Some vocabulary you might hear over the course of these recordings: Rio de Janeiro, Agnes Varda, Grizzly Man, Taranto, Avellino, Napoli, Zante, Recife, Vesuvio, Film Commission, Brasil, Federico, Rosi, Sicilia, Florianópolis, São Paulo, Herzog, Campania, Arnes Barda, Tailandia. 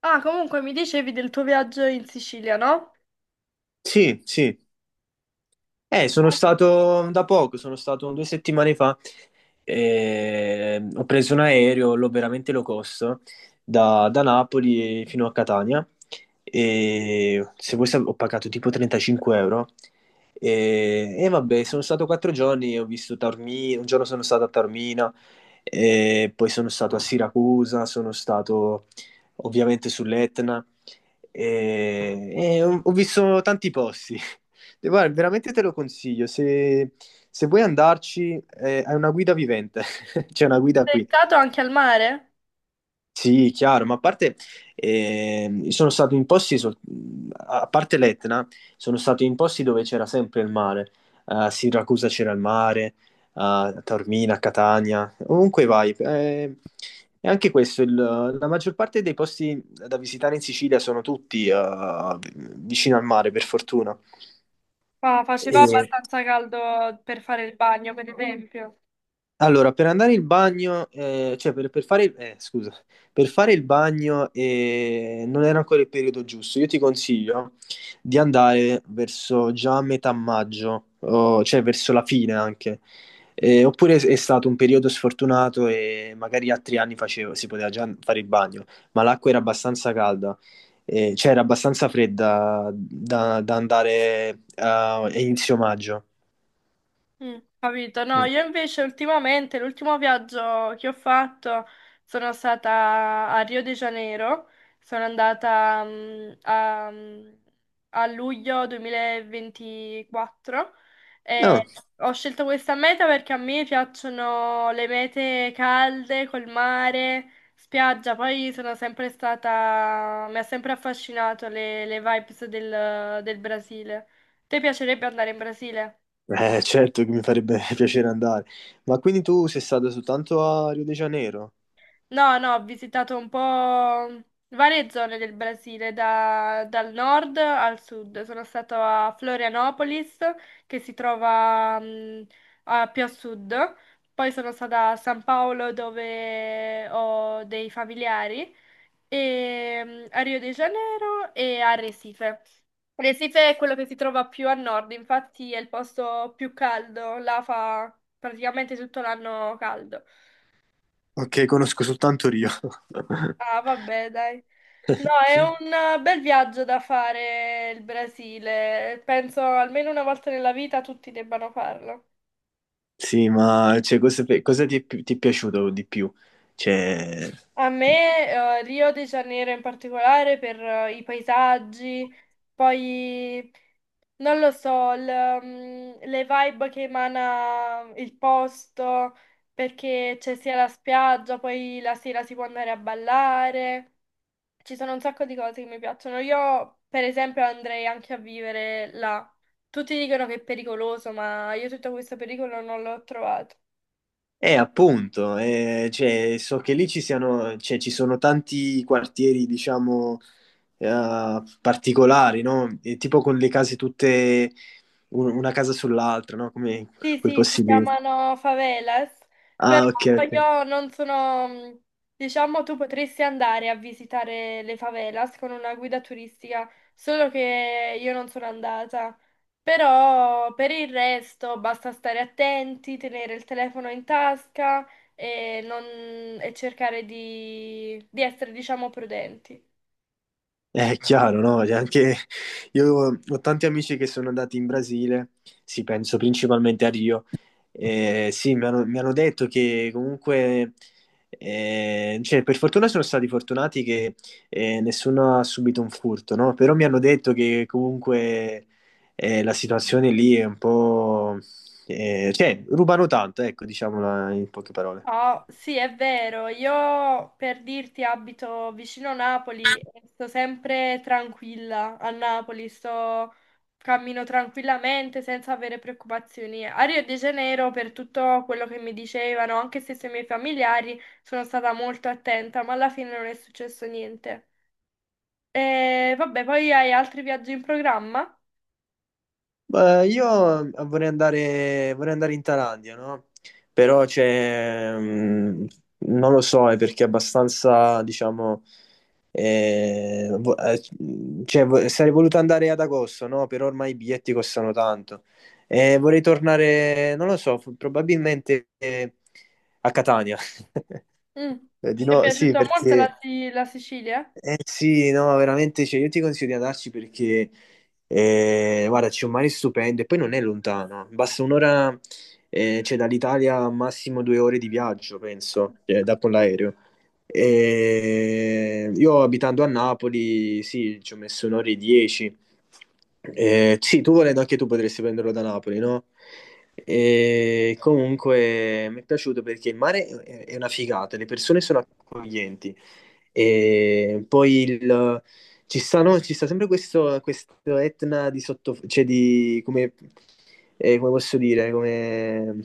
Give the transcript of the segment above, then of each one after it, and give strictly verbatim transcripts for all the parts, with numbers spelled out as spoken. Ah, comunque mi dicevi del tuo viaggio in Sicilia, no? Sì, sì. Eh, sono stato da poco, sono stato due settimane fa. Eh, ho preso un aereo, l'ho veramente low cost, da, da Napoli fino a Catania. E se vuoi sap- ho pagato tipo trentacinque euro. E, e vabbè, sono stato quattro giorni, ho visto Taormina, un giorno sono stato a Taormina, e poi sono stato a Siracusa, sono stato ovviamente sull'Etna. E, e ho ho visto tanti posti. E guarda, veramente te lo consiglio, se, se vuoi andarci, eh, hai una guida vivente, c'è una guida Sei qui. stato anche al mare? Sì, chiaro, ma a parte, ehm, sono stato in posti, sol- a parte l'Etna, sono stato in posti dove c'era sempre il mare, a Siracusa c'era il mare, a Taormina, a Catania, ovunque vai. Eh, e anche questo, il- la maggior parte dei posti da visitare in Sicilia sono tutti eh, vicino al mare, per fortuna. Ah, faceva abbastanza caldo per fare il bagno, per esempio. Allora, per andare in bagno, eh, cioè per, per fare, eh, scusa, per fare il bagno eh, non era ancora il periodo giusto. Io ti consiglio di andare verso già metà maggio, o- cioè verso la fine anche. Eh, oppure è stato un periodo sfortunato e magari altri anni facevo- si poteva già fare il bagno, ma l'acqua era abbastanza calda, eh, cioè era abbastanza fredda da, da andare a inizio maggio. Mm, capito? No, Mm. io invece ultimamente, l'ultimo viaggio che ho fatto sono stata a Rio de Janeiro, sono andata mm, a, mm, a luglio duemilaventiquattro e No. ho scelto questa meta perché a me piacciono le mete calde, col mare, spiaggia, poi sono sempre stata, mi ha sempre affascinato le, le vibes del, del Brasile. Ti piacerebbe andare in Brasile? Eh, certo che mi farebbe piacere andare. Ma quindi tu sei stato soltanto a Rio de Janeiro? No, no, ho visitato un po' varie zone del Brasile, da- dal nord al sud. Sono stato a Florianopolis, che si trova mh, a- più a sud. Poi sono stata a San Paolo, dove ho dei familiari, e mh, a Rio de Janeiro e a Recife. Recife è quello che si trova più a nord, infatti è il posto più caldo, là fa praticamente tutto l'anno caldo. Ok, conosco soltanto Rio. Ah, vabbè, dai. No, è Sì, un eh, bel viaggio da fare il Brasile. Penso almeno una volta nella vita tutti debbano farlo. sì, ma cioè, cosa, cosa ti è, pi- ti è piaciuto di più? Cioè, A me, eh, Rio de Janeiro in particolare per eh, i paesaggi, poi non lo so, il, mm, le vibe che emana il posto, perché c'è sia la spiaggia, poi la sera si può andare a ballare. Ci sono un sacco di cose che mi piacciono. Io, per esempio, andrei anche a vivere là. Tutti dicono che è pericoloso, ma io tutto questo pericolo non l'ho trovato. eh, appunto, eh, cioè, so che lì ci siano, cioè, ci sono tanti quartieri, diciamo, eh, particolari, no? E tipo con le case tutte, un- una casa sull'altra, no? Come Sì, quei sì, si posti lì. chiamano favelas, però Ah, ok, ok. io non sono, mhmm, diciamo, tu potresti andare a visitare le favelas con una guida turistica, solo che io non sono andata. Però per il resto basta stare attenti, tenere il telefono in tasca e, non- e cercare di, di essere, diciamo, prudenti. È chiaro, no? Cioè, anche io ho tanti amici che sono andati in Brasile, sì, penso principalmente a Rio, e sì, mi hanno, mi hanno detto che comunque, eh, cioè, per fortuna sono stati fortunati che eh, nessuno ha subito un furto, no? Però mi hanno detto che comunque eh, la situazione lì è un po', eh, cioè, rubano tanto, ecco, diciamola in poche parole. Oh, sì, è vero. Io per dirti abito vicino Napoli e sto sempre tranquilla a Napoli, sto cammino tranquillamente senza avere preoccupazioni. A Rio de Janeiro, per tutto quello che mi dicevano, anche se sui miei familiari, sono stata molto attenta, ma alla fine non è successo niente. E vabbè, poi hai altri viaggi in programma? Beh, io vorrei andare, vorrei andare in Thailandia, no? Però c'è, mh, non lo so, è perché è abbastanza, diciamo, eh, vo- eh, cioè, vo- sarei voluto andare ad agosto, no? Però ormai i biglietti costano tanto. E vorrei tornare, non lo so, f- probabilmente eh, a Catania. Mm. Eh, Di Ti è nuovo, sì, piaciuta molto la perché. Si- la Sicilia? Eh sì, no, veramente, cioè, io ti consiglio di andarci perché, eh, guarda, c'è un mare stupendo e poi non è lontano, basta un'ora, eh, cioè, dall'Italia massimo due ore di viaggio, penso, eh, da con l'aereo. E io abitando a Napoli, sì, ci ho messo un'ora e dieci. Eh, sì, tu volendo anche tu potresti prenderlo da Napoli, no? E comunque mi è piaciuto perché il mare è è una figata, le persone sono accoglienti. E poi il, ci, stanno- ci sta sempre questo, questo Etna di sotto, cioè di, come, eh, come posso dire, come,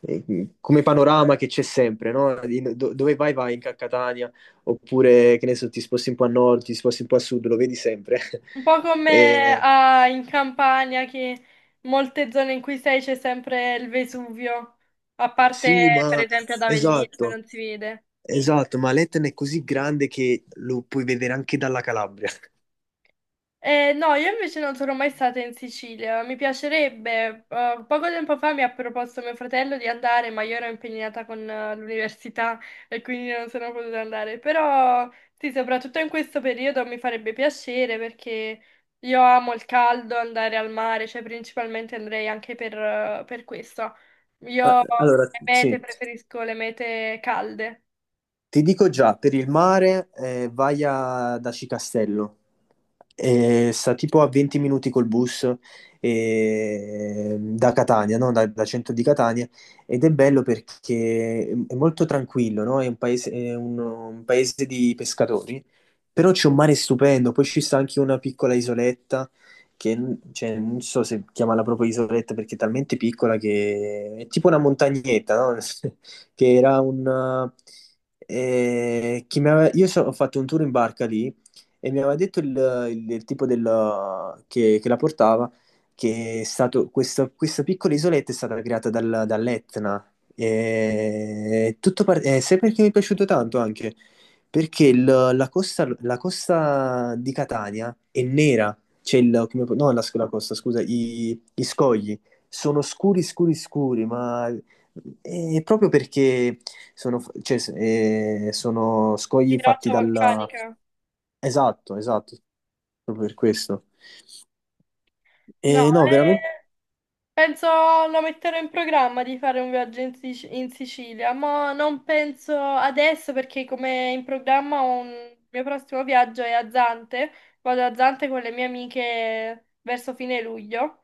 eh, come panorama che c'è sempre, no? In- do- dove vai, vai in Catania, oppure che ne so, ti sposti un po' a nord, ti sposti un po' a sud, lo vedi sempre. Un po' come Eh, ah, in Campania, che molte zone in cui sei c'è sempre il Vesuvio, a parte sì, per ma esempio ad Avellino che esatto, non si vede. esatto, ma l'Etna è così grande che lo puoi vedere anche dalla Calabria. Eh, no, io invece non sono mai stata in Sicilia, mi piacerebbe. Eh, poco tempo fa mi ha proposto mio fratello di andare, ma io ero impegnata con eh, l'università e quindi non sono potuta andare. Però sì, soprattutto in questo periodo mi farebbe piacere perché io amo il caldo, andare al mare, cioè principalmente andrei anche per, eh, per questo. Ah, Io allora, come mete sì, preferisco le mete calde, ti dico già, per il mare eh, vai a Daci Castello. Eh, sta tipo a venti minuti col bus eh, da Catania, no? Da, da centro di Catania, ed è bello perché è molto tranquillo, no? È un paese, è un- un paese di pescatori, però c'è un mare stupendo, poi ci sta anche una piccola isoletta che n- cioè, non so se chiamarla proprio isoletta perché è talmente piccola che è tipo una montagnetta, no? Che era un, eh, che mi aveva- io so- ho fatto un tour in barca lì e mi aveva detto il, il- il tipo del- che, che la portava, che è stato, questa, questa piccola isoletta è stata creata dal- dall'Etna. E tutto par- eh, sai perché mi è piaciuto tanto anche? Perché il- la costa, la costa di Catania è nera, c'è il, come- no, la, la costa, scusa, i, i scogli sono scuri, scuri, scuri, ma e proprio perché sono, cioè, s- eh, sono di scogli fatti roccia dal. vulcanica. Esatto, esatto, proprio per questo. No, E no, veramente? eh, Penso lo metterò in programma di fare un viaggio in, Sic- in Sicilia, ma non penso adesso perché come in programma ho un il mio prossimo viaggio è a Zante, vado a Zante con le mie amiche verso fine luglio,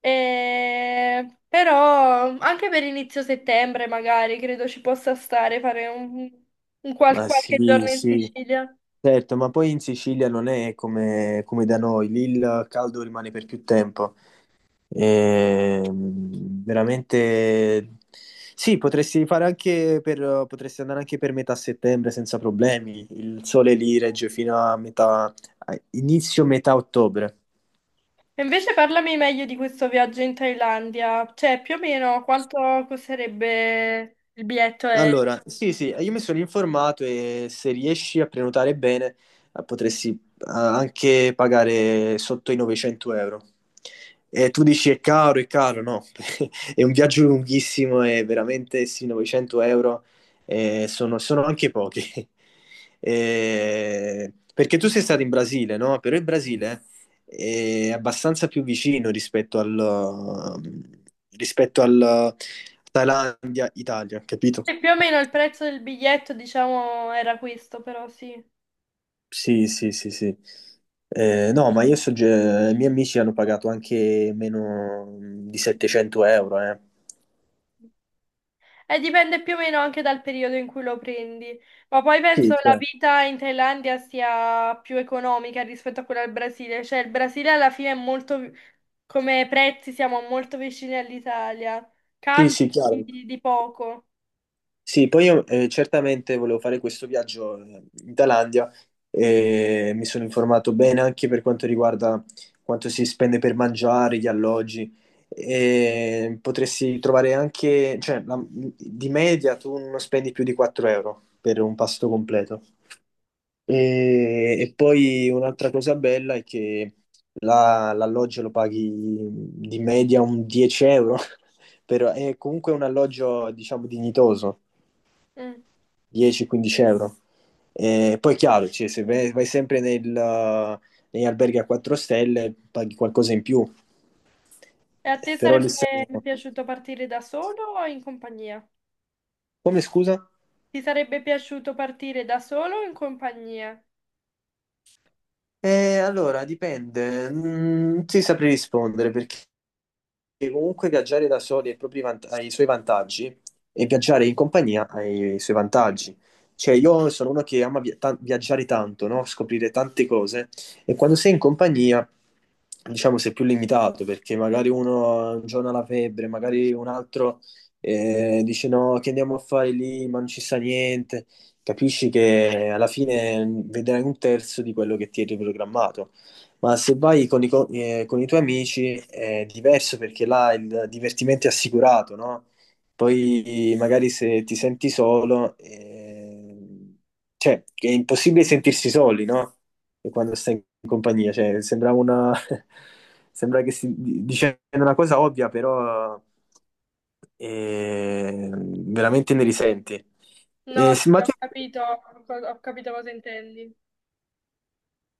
e... però anche per inizio settembre magari credo ci possa stare fare un, un qual- Ma qualche sì, giorno in sì, Sicilia. certo, ma poi in Sicilia non è come, come da noi, lì il caldo rimane per più tempo. E, mm, veramente sì, potresti fare anche per, potresti andare anche per metà settembre senza problemi. Il sole lì regge fino a metà, a inizio metà ottobre. E invece parlami meglio di questo viaggio in Thailandia, cioè più o meno quanto costerebbe il biglietto aereo? Allora, sì, sì, io mi sono informato e se riesci a prenotare bene eh, potresti eh, anche pagare sotto i novecento euro. E tu dici è caro, è caro, no, è un viaggio lunghissimo e veramente sì, novecento euro eh, sono, sono anche pochi. Eh, perché tu sei stato in Brasile, no? Però il Brasile è abbastanza più vicino rispetto al, rispetto al Thailandia-Italia, capito? E più o meno il prezzo del biglietto, diciamo, era questo, però sì. Sì, sì, sì, sì. Eh, no, ma io so, ge- i miei amici hanno pagato anche meno di settecento euro, eh. E dipende più o meno anche dal periodo in cui lo prendi. Ma poi penso Sì, la chiaro. vita in Thailandia sia più economica rispetto a quella del Brasile. Cioè, il Brasile alla fine è molto, vi- come prezzi siamo molto vicini all'Italia. Sì, Cambia sì, chiaro. di, di poco. Sì, poi io eh, certamente volevo fare questo viaggio eh, in Thailandia e mi sono informato bene anche per quanto riguarda quanto si spende per mangiare, gli alloggi. E potresti trovare anche, cioè, la- di media tu non spendi più di quattro euro per un pasto completo. E, e poi un'altra cosa bella è che la- l'alloggio lo paghi di media un dieci euro, però è comunque un alloggio, diciamo, dignitoso. Mm. dieci-quindici euro. E poi è chiaro, cioè, se vai, vai sempre nel, negli alberghi a quattro stelle paghi qualcosa in più, E a te però lì sarebbe siamo. piaciuto partire da solo o in compagnia? Come scusa? Ti sarebbe piaciuto partire da solo o in compagnia? Eh, allora, dipende, Mm, non ti saprei rispondere perché che comunque viaggiare da soli ha i propri vant- ha i suoi vantaggi e viaggiare in compagnia ha i suoi vantaggi. Cioè, io sono uno che ama via- ta- viaggiare tanto, no? Scoprire tante cose e quando sei in compagnia, diciamo, sei più limitato perché magari uno un giorno ha la febbre, magari un altro eh, dice no, che andiamo a fare lì, ma non ci sta niente. Capisci che alla fine mm, vedrai un terzo di quello che ti eri programmato. Ma se vai con i, co- eh, con i tuoi amici è diverso perché là il divertimento è assicurato, no? Poi magari se ti senti solo, eh, cioè è impossibile sentirsi soli, no? E quando stai in compagnia, cioè sembra una. Sembra che si di- dicendo una cosa ovvia, però eh, veramente ne risenti. No, Eh, sì, sì, ma tu ho capito, ho capito cosa intendi.